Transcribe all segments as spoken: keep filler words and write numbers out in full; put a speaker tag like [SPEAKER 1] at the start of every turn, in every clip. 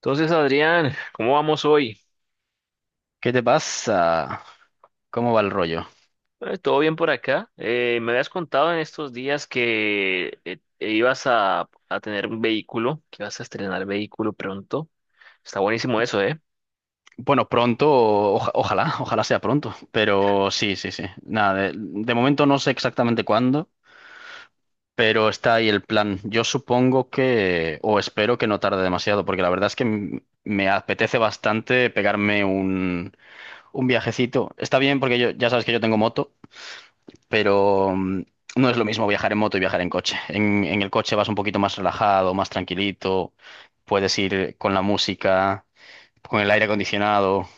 [SPEAKER 1] Entonces, Adrián, ¿cómo vamos hoy?
[SPEAKER 2] ¿Qué te pasa? ¿Cómo va el rollo?
[SPEAKER 1] Eh, ¿todo bien por acá? Eh, me habías contado en estos días que eh, eh, ibas a, a tener un vehículo, que ibas a estrenar vehículo pronto. Está buenísimo eso, ¿eh?
[SPEAKER 2] Bueno, pronto, oja- ojalá, ojalá sea pronto, pero sí, sí, sí. Nada, de, de momento no sé exactamente cuándo, pero está ahí el plan. Yo supongo que, o espero que no tarde demasiado, porque la verdad es que m- me apetece bastante pegarme un, un viajecito. Está bien porque yo, ya sabes que yo tengo moto, pero mm, no es lo mismo viajar en moto y viajar en coche. En, en el coche vas un poquito más relajado, más tranquilito, puedes ir con la música, con el aire acondicionado,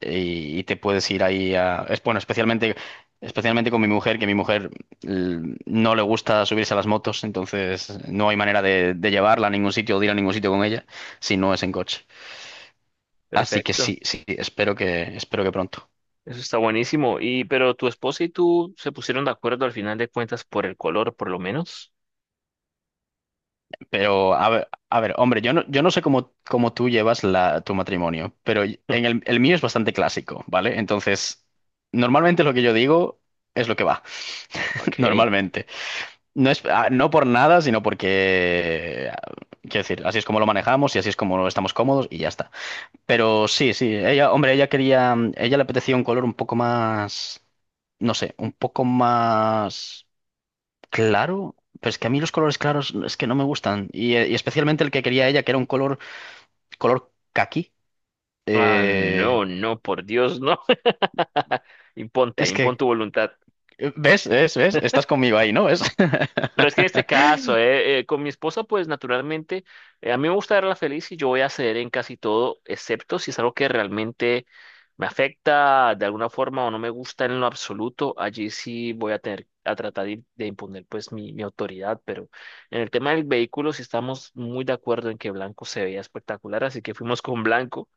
[SPEAKER 2] eh, y, y te puedes ir ahí a... Es bueno, especialmente, especialmente con mi mujer, que mi mujer l- no le gusta subirse a las motos, entonces no hay manera de, de llevarla a ningún sitio o de ir a ningún sitio con ella si no es en coche. Así que
[SPEAKER 1] Perfecto.
[SPEAKER 2] sí, sí, espero que, espero que, pronto.
[SPEAKER 1] Eso está buenísimo. Y, pero tu esposa y tú se pusieron de acuerdo al final de cuentas por el color, por lo menos.
[SPEAKER 2] Pero a ver, a ver, hombre, yo no, yo no sé cómo, cómo tú llevas la, tu matrimonio, pero en el, el mío es bastante clásico, ¿vale? Entonces, normalmente lo que yo digo es lo que va,
[SPEAKER 1] Ok.
[SPEAKER 2] normalmente. No es, ah, no por nada, sino porque, ah, quiero decir, así es como lo manejamos y así es como estamos cómodos y ya está. Pero sí, sí, ella, hombre, ella quería, ella le apetecía un color un poco más, no sé, un poco más claro. Pero es que a mí los colores claros es que no me gustan. Y, eh, y especialmente el que quería ella, que era un color, color, caqui.
[SPEAKER 1] Ah,
[SPEAKER 2] Eh,
[SPEAKER 1] no, no, por Dios, no. Imponte,
[SPEAKER 2] es
[SPEAKER 1] impon
[SPEAKER 2] que,
[SPEAKER 1] tu voluntad.
[SPEAKER 2] ¿ves? ¿Ves? ¿Ves? Estás conmigo ahí, ¿no? ¿Ves?
[SPEAKER 1] Pero es que en este caso, eh, eh, con mi esposa, pues naturalmente, eh, a mí me gusta verla feliz y yo voy a ceder en casi todo, excepto si es algo que realmente me afecta de alguna forma o no me gusta en lo absoluto. Allí sí voy a tener a tratar de, de imponer pues mi, mi autoridad, pero en el tema del vehículo sí estamos muy de acuerdo en que blanco se veía espectacular, así que fuimos con blanco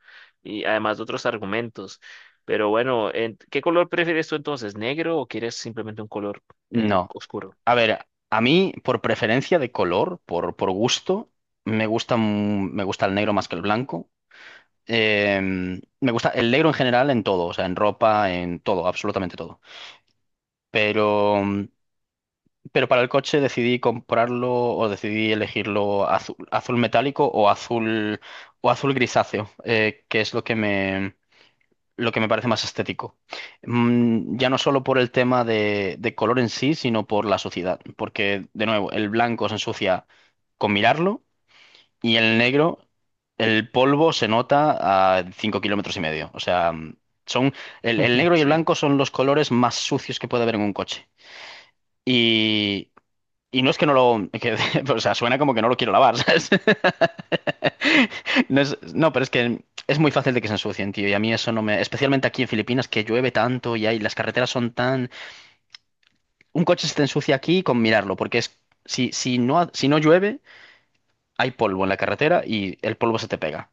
[SPEAKER 1] y además de otros argumentos. Pero bueno, en- ¿qué color prefieres tú entonces? ¿Negro o quieres simplemente un color eh,
[SPEAKER 2] No.
[SPEAKER 1] oscuro?
[SPEAKER 2] A ver, a mí, por preferencia de color, por, por gusto, me gusta, mu- me gusta el negro más que el blanco. Eh, me gusta el negro en general en todo, o sea, en ropa, en todo, absolutamente todo. Pero, pero para el coche decidí comprarlo o decidí elegirlo azul, azul metálico o azul, o azul, grisáceo, eh, que es lo que me, lo que me parece más estético. Mm, ya no solo por el tema de, de color en sí, sino por la suciedad. Porque, de nuevo, el blanco se ensucia con mirarlo y el negro, el polvo se nota a cinco kilómetros y medio. O sea, mm, son, el, el negro y el
[SPEAKER 1] Sí.
[SPEAKER 2] blanco son los colores más sucios que puede haber en un coche, y y no es que no lo... que- o sea, suena como que no lo quiero lavar, ¿sabes? No, es- no, pero es que es muy fácil de que se ensucien, tío. Y a mí eso no me... Especialmente aquí en Filipinas, que llueve tanto y hay, las carreteras son tan... Un coche se te ensucia aquí con mirarlo, porque es... Si, si no, ha- si no llueve, hay polvo en la carretera y el polvo se te pega.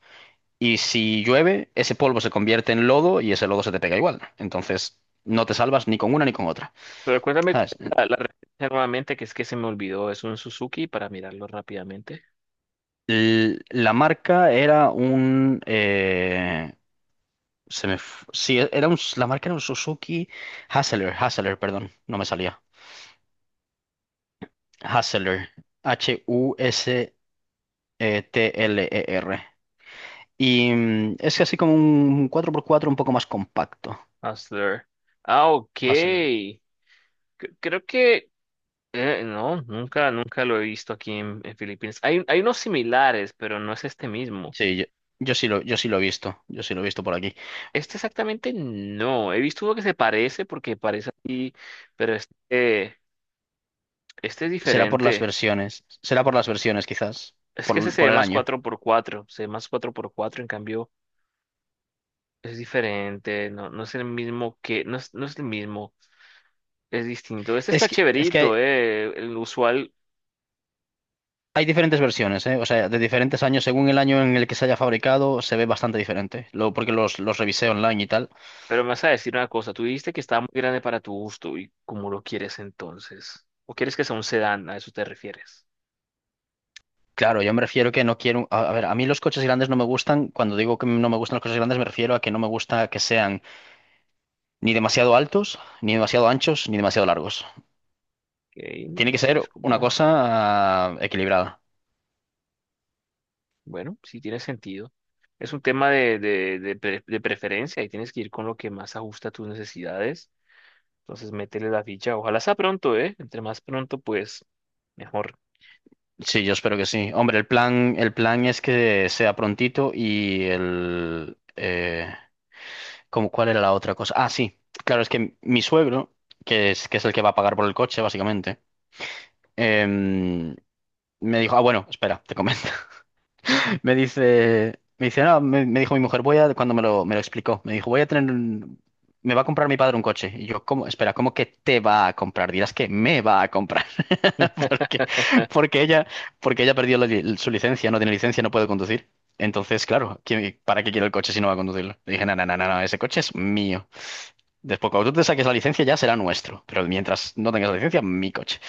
[SPEAKER 2] Y si llueve, ese polvo se convierte en lodo y ese lodo se te pega igual. Entonces, no te salvas ni con una ni con otra.
[SPEAKER 1] Pero cuéntame cuál
[SPEAKER 2] ¿Sabes?
[SPEAKER 1] es la, la marca nuevamente, que es que se me olvidó. Es un Suzuki para mirarlo rápidamente.
[SPEAKER 2] L- La marca era un... eh, Se me... f- Sí, era un... la marca era un Suzuki Hassler, Hassler, perdón, no me salía. Hassler, H-U-S-T-L-E-R. Y mm, es así como un cuatro por cuatro un poco más compacto.
[SPEAKER 1] Hustler. Ah, ok.
[SPEAKER 2] Hustler.
[SPEAKER 1] C- creo que eh, no, nunca, nunca lo he visto aquí en, en Filipinas. Hay, hay unos similares, pero no es este mismo.
[SPEAKER 2] Sí, yo, yo sí lo, yo sí lo he visto, yo sí lo he visto por aquí.
[SPEAKER 1] Este exactamente no. He visto uno que se parece porque parece así, pero este, este es
[SPEAKER 2] Será por las
[SPEAKER 1] diferente.
[SPEAKER 2] versiones, será por las versiones quizás,
[SPEAKER 1] Es que este
[SPEAKER 2] por,
[SPEAKER 1] se
[SPEAKER 2] por
[SPEAKER 1] ve
[SPEAKER 2] el
[SPEAKER 1] más
[SPEAKER 2] año.
[SPEAKER 1] cuatro por cuatro se ve más cuatro por cuatro en cambio es diferente, no, no es el mismo que, no es, no es el mismo. Es distinto. Este está
[SPEAKER 2] Es que, es que
[SPEAKER 1] chéverito,
[SPEAKER 2] hay,
[SPEAKER 1] eh, el usual,
[SPEAKER 2] hay diferentes versiones, ¿eh? O sea, de diferentes años, según el año en el que se haya fabricado, se ve bastante diferente. Lo, porque los, los revisé online y tal.
[SPEAKER 1] pero me vas a decir una cosa. Tú dijiste que estaba muy grande para tu gusto y cómo lo quieres entonces. ¿O quieres que sea un sedán? ¿A eso te refieres?
[SPEAKER 2] Claro, yo me refiero que no quiero. A, a ver, a mí los coches grandes no me gustan. Cuando digo que no me gustan los coches grandes, me refiero a que no me gusta que sean ni demasiado altos, ni demasiado anchos, ni demasiado largos.
[SPEAKER 1] Ok,
[SPEAKER 2] Tiene
[SPEAKER 1] y
[SPEAKER 2] que
[SPEAKER 1] sí,
[SPEAKER 2] ser
[SPEAKER 1] es como,
[SPEAKER 2] una cosa ah, equilibrada.
[SPEAKER 1] bueno, sí tiene sentido. Es un tema de, de, de, pre- de preferencia y tienes que ir con lo que más ajusta a tus necesidades. Entonces métele la ficha. Ojalá sea pronto, ¿eh? Entre más pronto, pues mejor.
[SPEAKER 2] Sí, yo espero que sí. Hombre, el plan, el plan es que sea prontito y el. Eh, ¿cómo- cuál era la otra cosa? Ah, sí. Claro, es que mi suegro, que es, que es el que va a pagar por el coche, básicamente, em, me dijo, ah, bueno, espera, te comento. Me dice, me dice, no, me, me dijo mi mujer, voy a, cuando me lo, me lo explicó, me dijo, voy a tener, un- me va a comprar mi padre un coche. Y yo, ¿cómo? Espera, ¿cómo que te va a comprar? Dirás que me va a comprar. Porque, porque ella, porque ella perdió la li- su licencia, no tiene licencia, no puede conducir. Entonces, claro, ¿quién- ¿para qué quiero el coche si no va a conducirlo? Le dije, no, no, no, no, no, ese coche es mío. Después, cuando tú te saques la licencia, ya será nuestro. Pero mientras no tengas la licencia, mi coche.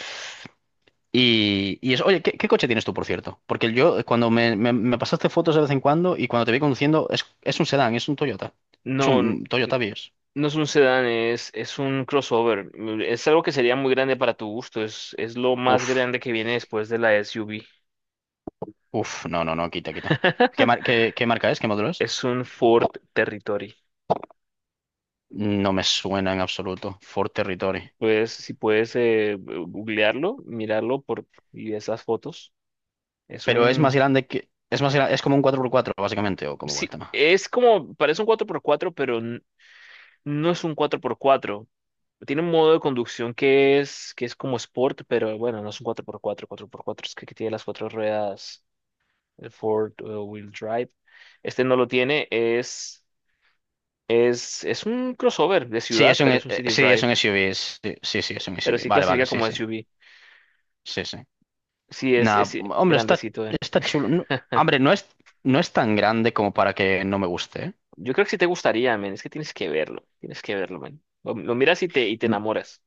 [SPEAKER 2] Y, y eso, oye, ¿qué, qué coche tienes tú, por cierto? Porque yo, eh, cuando me, me- me pasaste fotos de vez en cuando y cuando te vi conduciendo, es, es un sedán, es un Toyota. Es
[SPEAKER 1] No.
[SPEAKER 2] un Toyota Vios.
[SPEAKER 1] No es un sedán, es, es un crossover. Mm, es algo que sería muy grande para tu gusto. Es, es lo más
[SPEAKER 2] Uf,
[SPEAKER 1] grande que viene después de la S U V.
[SPEAKER 2] uf, no, no, no, quita, quita. ¿Qué, mar- qué, qué marca es? ¿Qué modelo es?
[SPEAKER 1] Es un Ford Territory.
[SPEAKER 2] No me suena en absoluto. Ford Territory.
[SPEAKER 1] Pues, si puedes eh, googlearlo, mirarlo por, y esas fotos. Es
[SPEAKER 2] Pero es más
[SPEAKER 1] un...
[SPEAKER 2] grande que... Es más gra- es como un cuatro por cuatro básicamente, o como igual
[SPEAKER 1] Sí,
[SPEAKER 2] tema.
[SPEAKER 1] es como... Parece un cuatro por cuatro, pero n- no es un cuatro por cuatro. Tiene un modo de conducción que es, que es como sport, pero bueno, no es un cuatro por cuatro. Cuatro por cuatro es que, que tiene las cuatro ruedas el Ford uh, Wheel Drive. Este no lo tiene, es, es, es un crossover de
[SPEAKER 2] Sí,
[SPEAKER 1] ciudad,
[SPEAKER 2] es un,
[SPEAKER 1] pero
[SPEAKER 2] eh,
[SPEAKER 1] es un City
[SPEAKER 2] sí, es
[SPEAKER 1] Drive,
[SPEAKER 2] un S U V. Sí, sí, sí, es un
[SPEAKER 1] pero
[SPEAKER 2] S U V.
[SPEAKER 1] sí
[SPEAKER 2] Vale, vale,
[SPEAKER 1] clasifica
[SPEAKER 2] sí,
[SPEAKER 1] como
[SPEAKER 2] sí.
[SPEAKER 1] S U V.
[SPEAKER 2] Sí, sí.
[SPEAKER 1] Sí, es, es
[SPEAKER 2] Nah,
[SPEAKER 1] sí,
[SPEAKER 2] hombre, está,
[SPEAKER 1] grandecito, eh.
[SPEAKER 2] está chulo. No- hombre, no es, no es tan grande como para que no me guste, ¿eh?
[SPEAKER 1] Yo creo que sí te gustaría, men, es que tienes que verlo, tienes que verlo, men. Lo, lo miras y te, y te
[SPEAKER 2] N-
[SPEAKER 1] enamoras.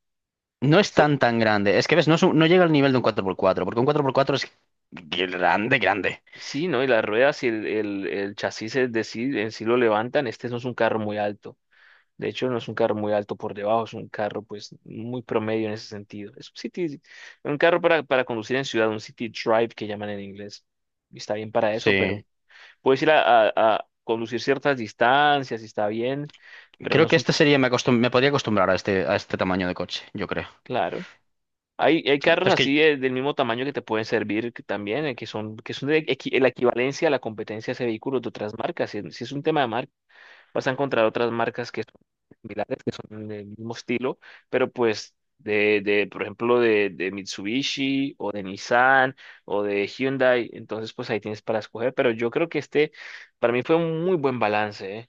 [SPEAKER 2] No es
[SPEAKER 1] So-
[SPEAKER 2] tan tan grande. Es que ves, no, es un- no llega al nivel de un cuatro por cuatro, porque un cuatro por cuatro es grande, grande.
[SPEAKER 1] sí, ¿no? Y las ruedas y el, el, el chasis es de sí, en sí lo levantan, este no es un carro muy alto. De hecho, no es un carro muy alto por debajo, es un carro pues muy promedio en ese sentido. Es un city, un carro para, para conducir en ciudad, un city drive que llaman en inglés. Y está bien para eso,
[SPEAKER 2] Sí.
[SPEAKER 1] pero puedes ir a, a- a conducir ciertas distancias y está bien, pero no
[SPEAKER 2] Creo
[SPEAKER 1] es
[SPEAKER 2] que
[SPEAKER 1] un,
[SPEAKER 2] este sería, me acostum- me podría acostumbrar a este, a este, tamaño de coche, yo creo.
[SPEAKER 1] claro. Hay, hay
[SPEAKER 2] Pero
[SPEAKER 1] carros
[SPEAKER 2] es
[SPEAKER 1] así
[SPEAKER 2] que,
[SPEAKER 1] de- del mismo tamaño que te pueden servir que también, eh, que son, que son de equi- la equivalencia a la competencia de ese vehículo de otras marcas. Si, si es un tema de marca. Vas a encontrar otras marcas que son similares, que son del mismo estilo, pero pues de, de por ejemplo, de, de Mitsubishi o de Nissan o de Hyundai, entonces pues ahí tienes para escoger, pero yo creo que este para mí fue un muy buen balance, ¿eh?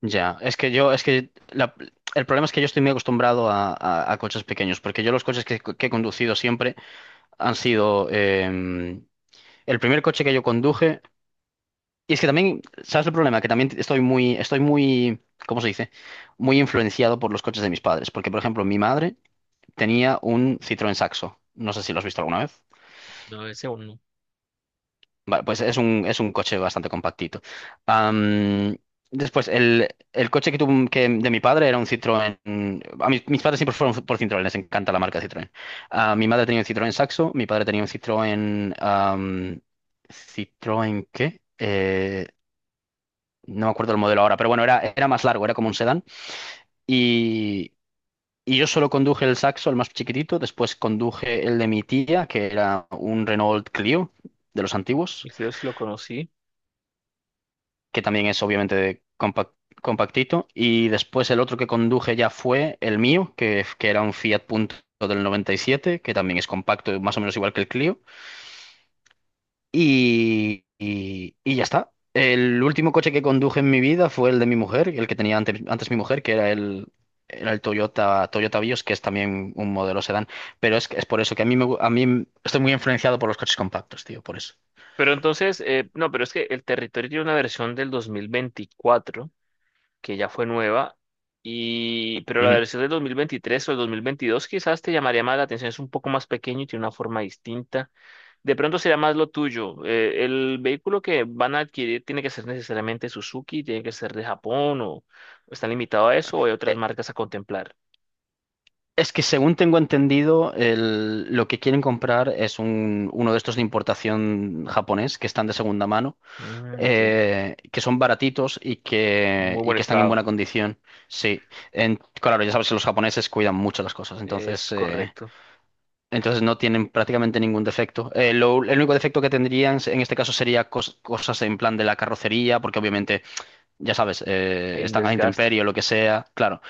[SPEAKER 2] ya, es que yo, es que la- el problema es que yo estoy muy acostumbrado a, a- a coches pequeños, porque yo los coches que, que he conducido siempre han sido, em, el primer coche que yo conduje. Y es que también, ¿sabes el problema? Que también estoy muy, estoy muy, ¿cómo se dice? Muy influenciado por los coches de mis padres. Porque, por ejemplo, mi madre tenía un Citroën Saxo. No sé si lo has visto alguna vez.
[SPEAKER 1] No, ese uno,
[SPEAKER 2] Vale, pues es un, es un coche bastante compactito. Am, después, el, el coche que tuvo, que de mi padre era un Citroën. A mis, mis padres siempre fueron por Citroën, les encanta la marca Citroën. Ah, mi madre tenía un Citroën Saxo, mi padre tenía un Citroën. am, ¿Citroën qué? Eh, no me acuerdo el modelo ahora, pero bueno, era, era más largo, era como un sedán. Y, y yo solo conduje el Saxo, el más chiquitito, después conduje el de mi tía, que era un Renault Clio de los antiguos,
[SPEAKER 1] el que yo sí lo conocí.
[SPEAKER 2] que también es obviamente de compact- compactito. Y después el otro que conduje ya fue el mío, que, que era un Fiat Punto del noventa y siete, que también es compacto, más o menos igual que el Clio, y, y- y ya está. El último coche que conduje en mi vida fue el de mi mujer, el que tenía antes, antes mi mujer, que era el, era el Toyota, Toyota Vios, que es también un modelo sedán. Pero es, es por eso que a mí, me, gu- a mí estoy muy influenciado por los coches compactos, tío, por eso.
[SPEAKER 1] Pero entonces, eh, no, pero es que el territorio tiene una versión del dos mil veinticuatro, que ya fue nueva, y, pero la
[SPEAKER 2] Ujú.
[SPEAKER 1] versión del dos mil veintitrés o el dos mil veintidós quizás te llamaría más la atención, es un poco más pequeño y tiene una forma distinta. De pronto será más lo tuyo. Eh, el vehículo que van a adquirir tiene que ser necesariamente Suzuki, tiene que ser de Japón o o están limitados a eso o hay otras
[SPEAKER 2] Eh,
[SPEAKER 1] marcas a contemplar.
[SPEAKER 2] Es que según tengo entendido, el- lo que quieren comprar es un, uno de estos de importación japonés que están de segunda mano,
[SPEAKER 1] Mm, ok.
[SPEAKER 2] eh, que son baratitos y que,
[SPEAKER 1] Muy
[SPEAKER 2] y
[SPEAKER 1] buen
[SPEAKER 2] que están en
[SPEAKER 1] estado.
[SPEAKER 2] buena condición. Sí, En- claro, ya sabes que los japoneses cuidan mucho las cosas,
[SPEAKER 1] Es
[SPEAKER 2] entonces, eh,
[SPEAKER 1] correcto.
[SPEAKER 2] entonces no tienen prácticamente ningún defecto. Eh, lo- el único defecto que tendrían en este caso sería cos- cosas en plan de la carrocería, porque obviamente, ya sabes, eh,
[SPEAKER 1] Hay un
[SPEAKER 2] están a la
[SPEAKER 1] desgaste.
[SPEAKER 2] intemperie o lo que sea. Claro,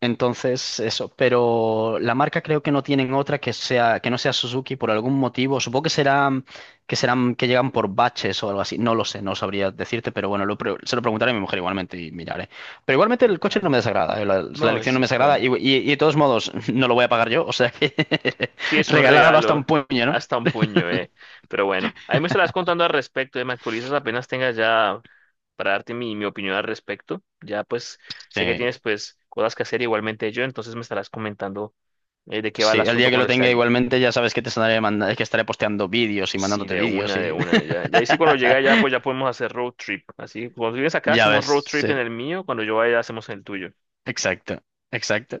[SPEAKER 2] entonces, eso, pero la marca creo que no tienen otra que sea, que no sea Suzuki por algún motivo. Supongo que serán, que serán, que llegan por baches o algo así. No lo sé, no sabría decirte, pero bueno, lo pre- se lo preguntaré a mi mujer igualmente y miraré. Pero igualmente
[SPEAKER 1] Mm,
[SPEAKER 2] el coche no
[SPEAKER 1] claro.
[SPEAKER 2] me desagrada, eh, La, la
[SPEAKER 1] No,
[SPEAKER 2] elección
[SPEAKER 1] es,
[SPEAKER 2] no me
[SPEAKER 1] es
[SPEAKER 2] desagrada
[SPEAKER 1] bueno.
[SPEAKER 2] y, y- y de todos modos no lo voy a pagar yo, o sea que
[SPEAKER 1] Sí, es un
[SPEAKER 2] regalado hasta un
[SPEAKER 1] regalo.
[SPEAKER 2] puño, ¿no?
[SPEAKER 1] Hasta un puño, eh. Pero bueno, ahí me estarás contando al respecto, eh, me actualizas apenas tengas ya para darte mi, mi opinión al respecto. Ya pues sé que
[SPEAKER 2] Sí,
[SPEAKER 1] tienes pues cosas que hacer igualmente yo, entonces me estarás comentando eh, de qué va
[SPEAKER 2] sí,
[SPEAKER 1] el
[SPEAKER 2] el
[SPEAKER 1] asunto
[SPEAKER 2] día que lo
[SPEAKER 1] cuando esté
[SPEAKER 2] tenga
[SPEAKER 1] allí.
[SPEAKER 2] igualmente ya sabes que te estaré mandando, que estaré posteando vídeos y
[SPEAKER 1] Sí,
[SPEAKER 2] mandándote
[SPEAKER 1] de
[SPEAKER 2] vídeos
[SPEAKER 1] una, de
[SPEAKER 2] y
[SPEAKER 1] una. Ya, ya ahí sí cuando llega allá pues ya podemos hacer road trip. Así, cuando tú vienes acá
[SPEAKER 2] ya
[SPEAKER 1] hacemos
[SPEAKER 2] ves,
[SPEAKER 1] road trip en
[SPEAKER 2] sí,
[SPEAKER 1] el mío, cuando yo vaya hacemos en el tuyo.
[SPEAKER 2] exacto, exacto.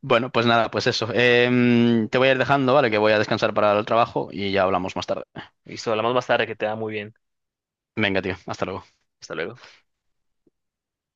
[SPEAKER 2] Bueno, pues nada, pues eso. Em, te voy a ir dejando, ¿vale? Que voy a descansar para el trabajo y ya hablamos más tarde.
[SPEAKER 1] Listo, hablamos más tarde, que te da muy bien.
[SPEAKER 2] Venga, tío, hasta luego.
[SPEAKER 1] Hasta luego.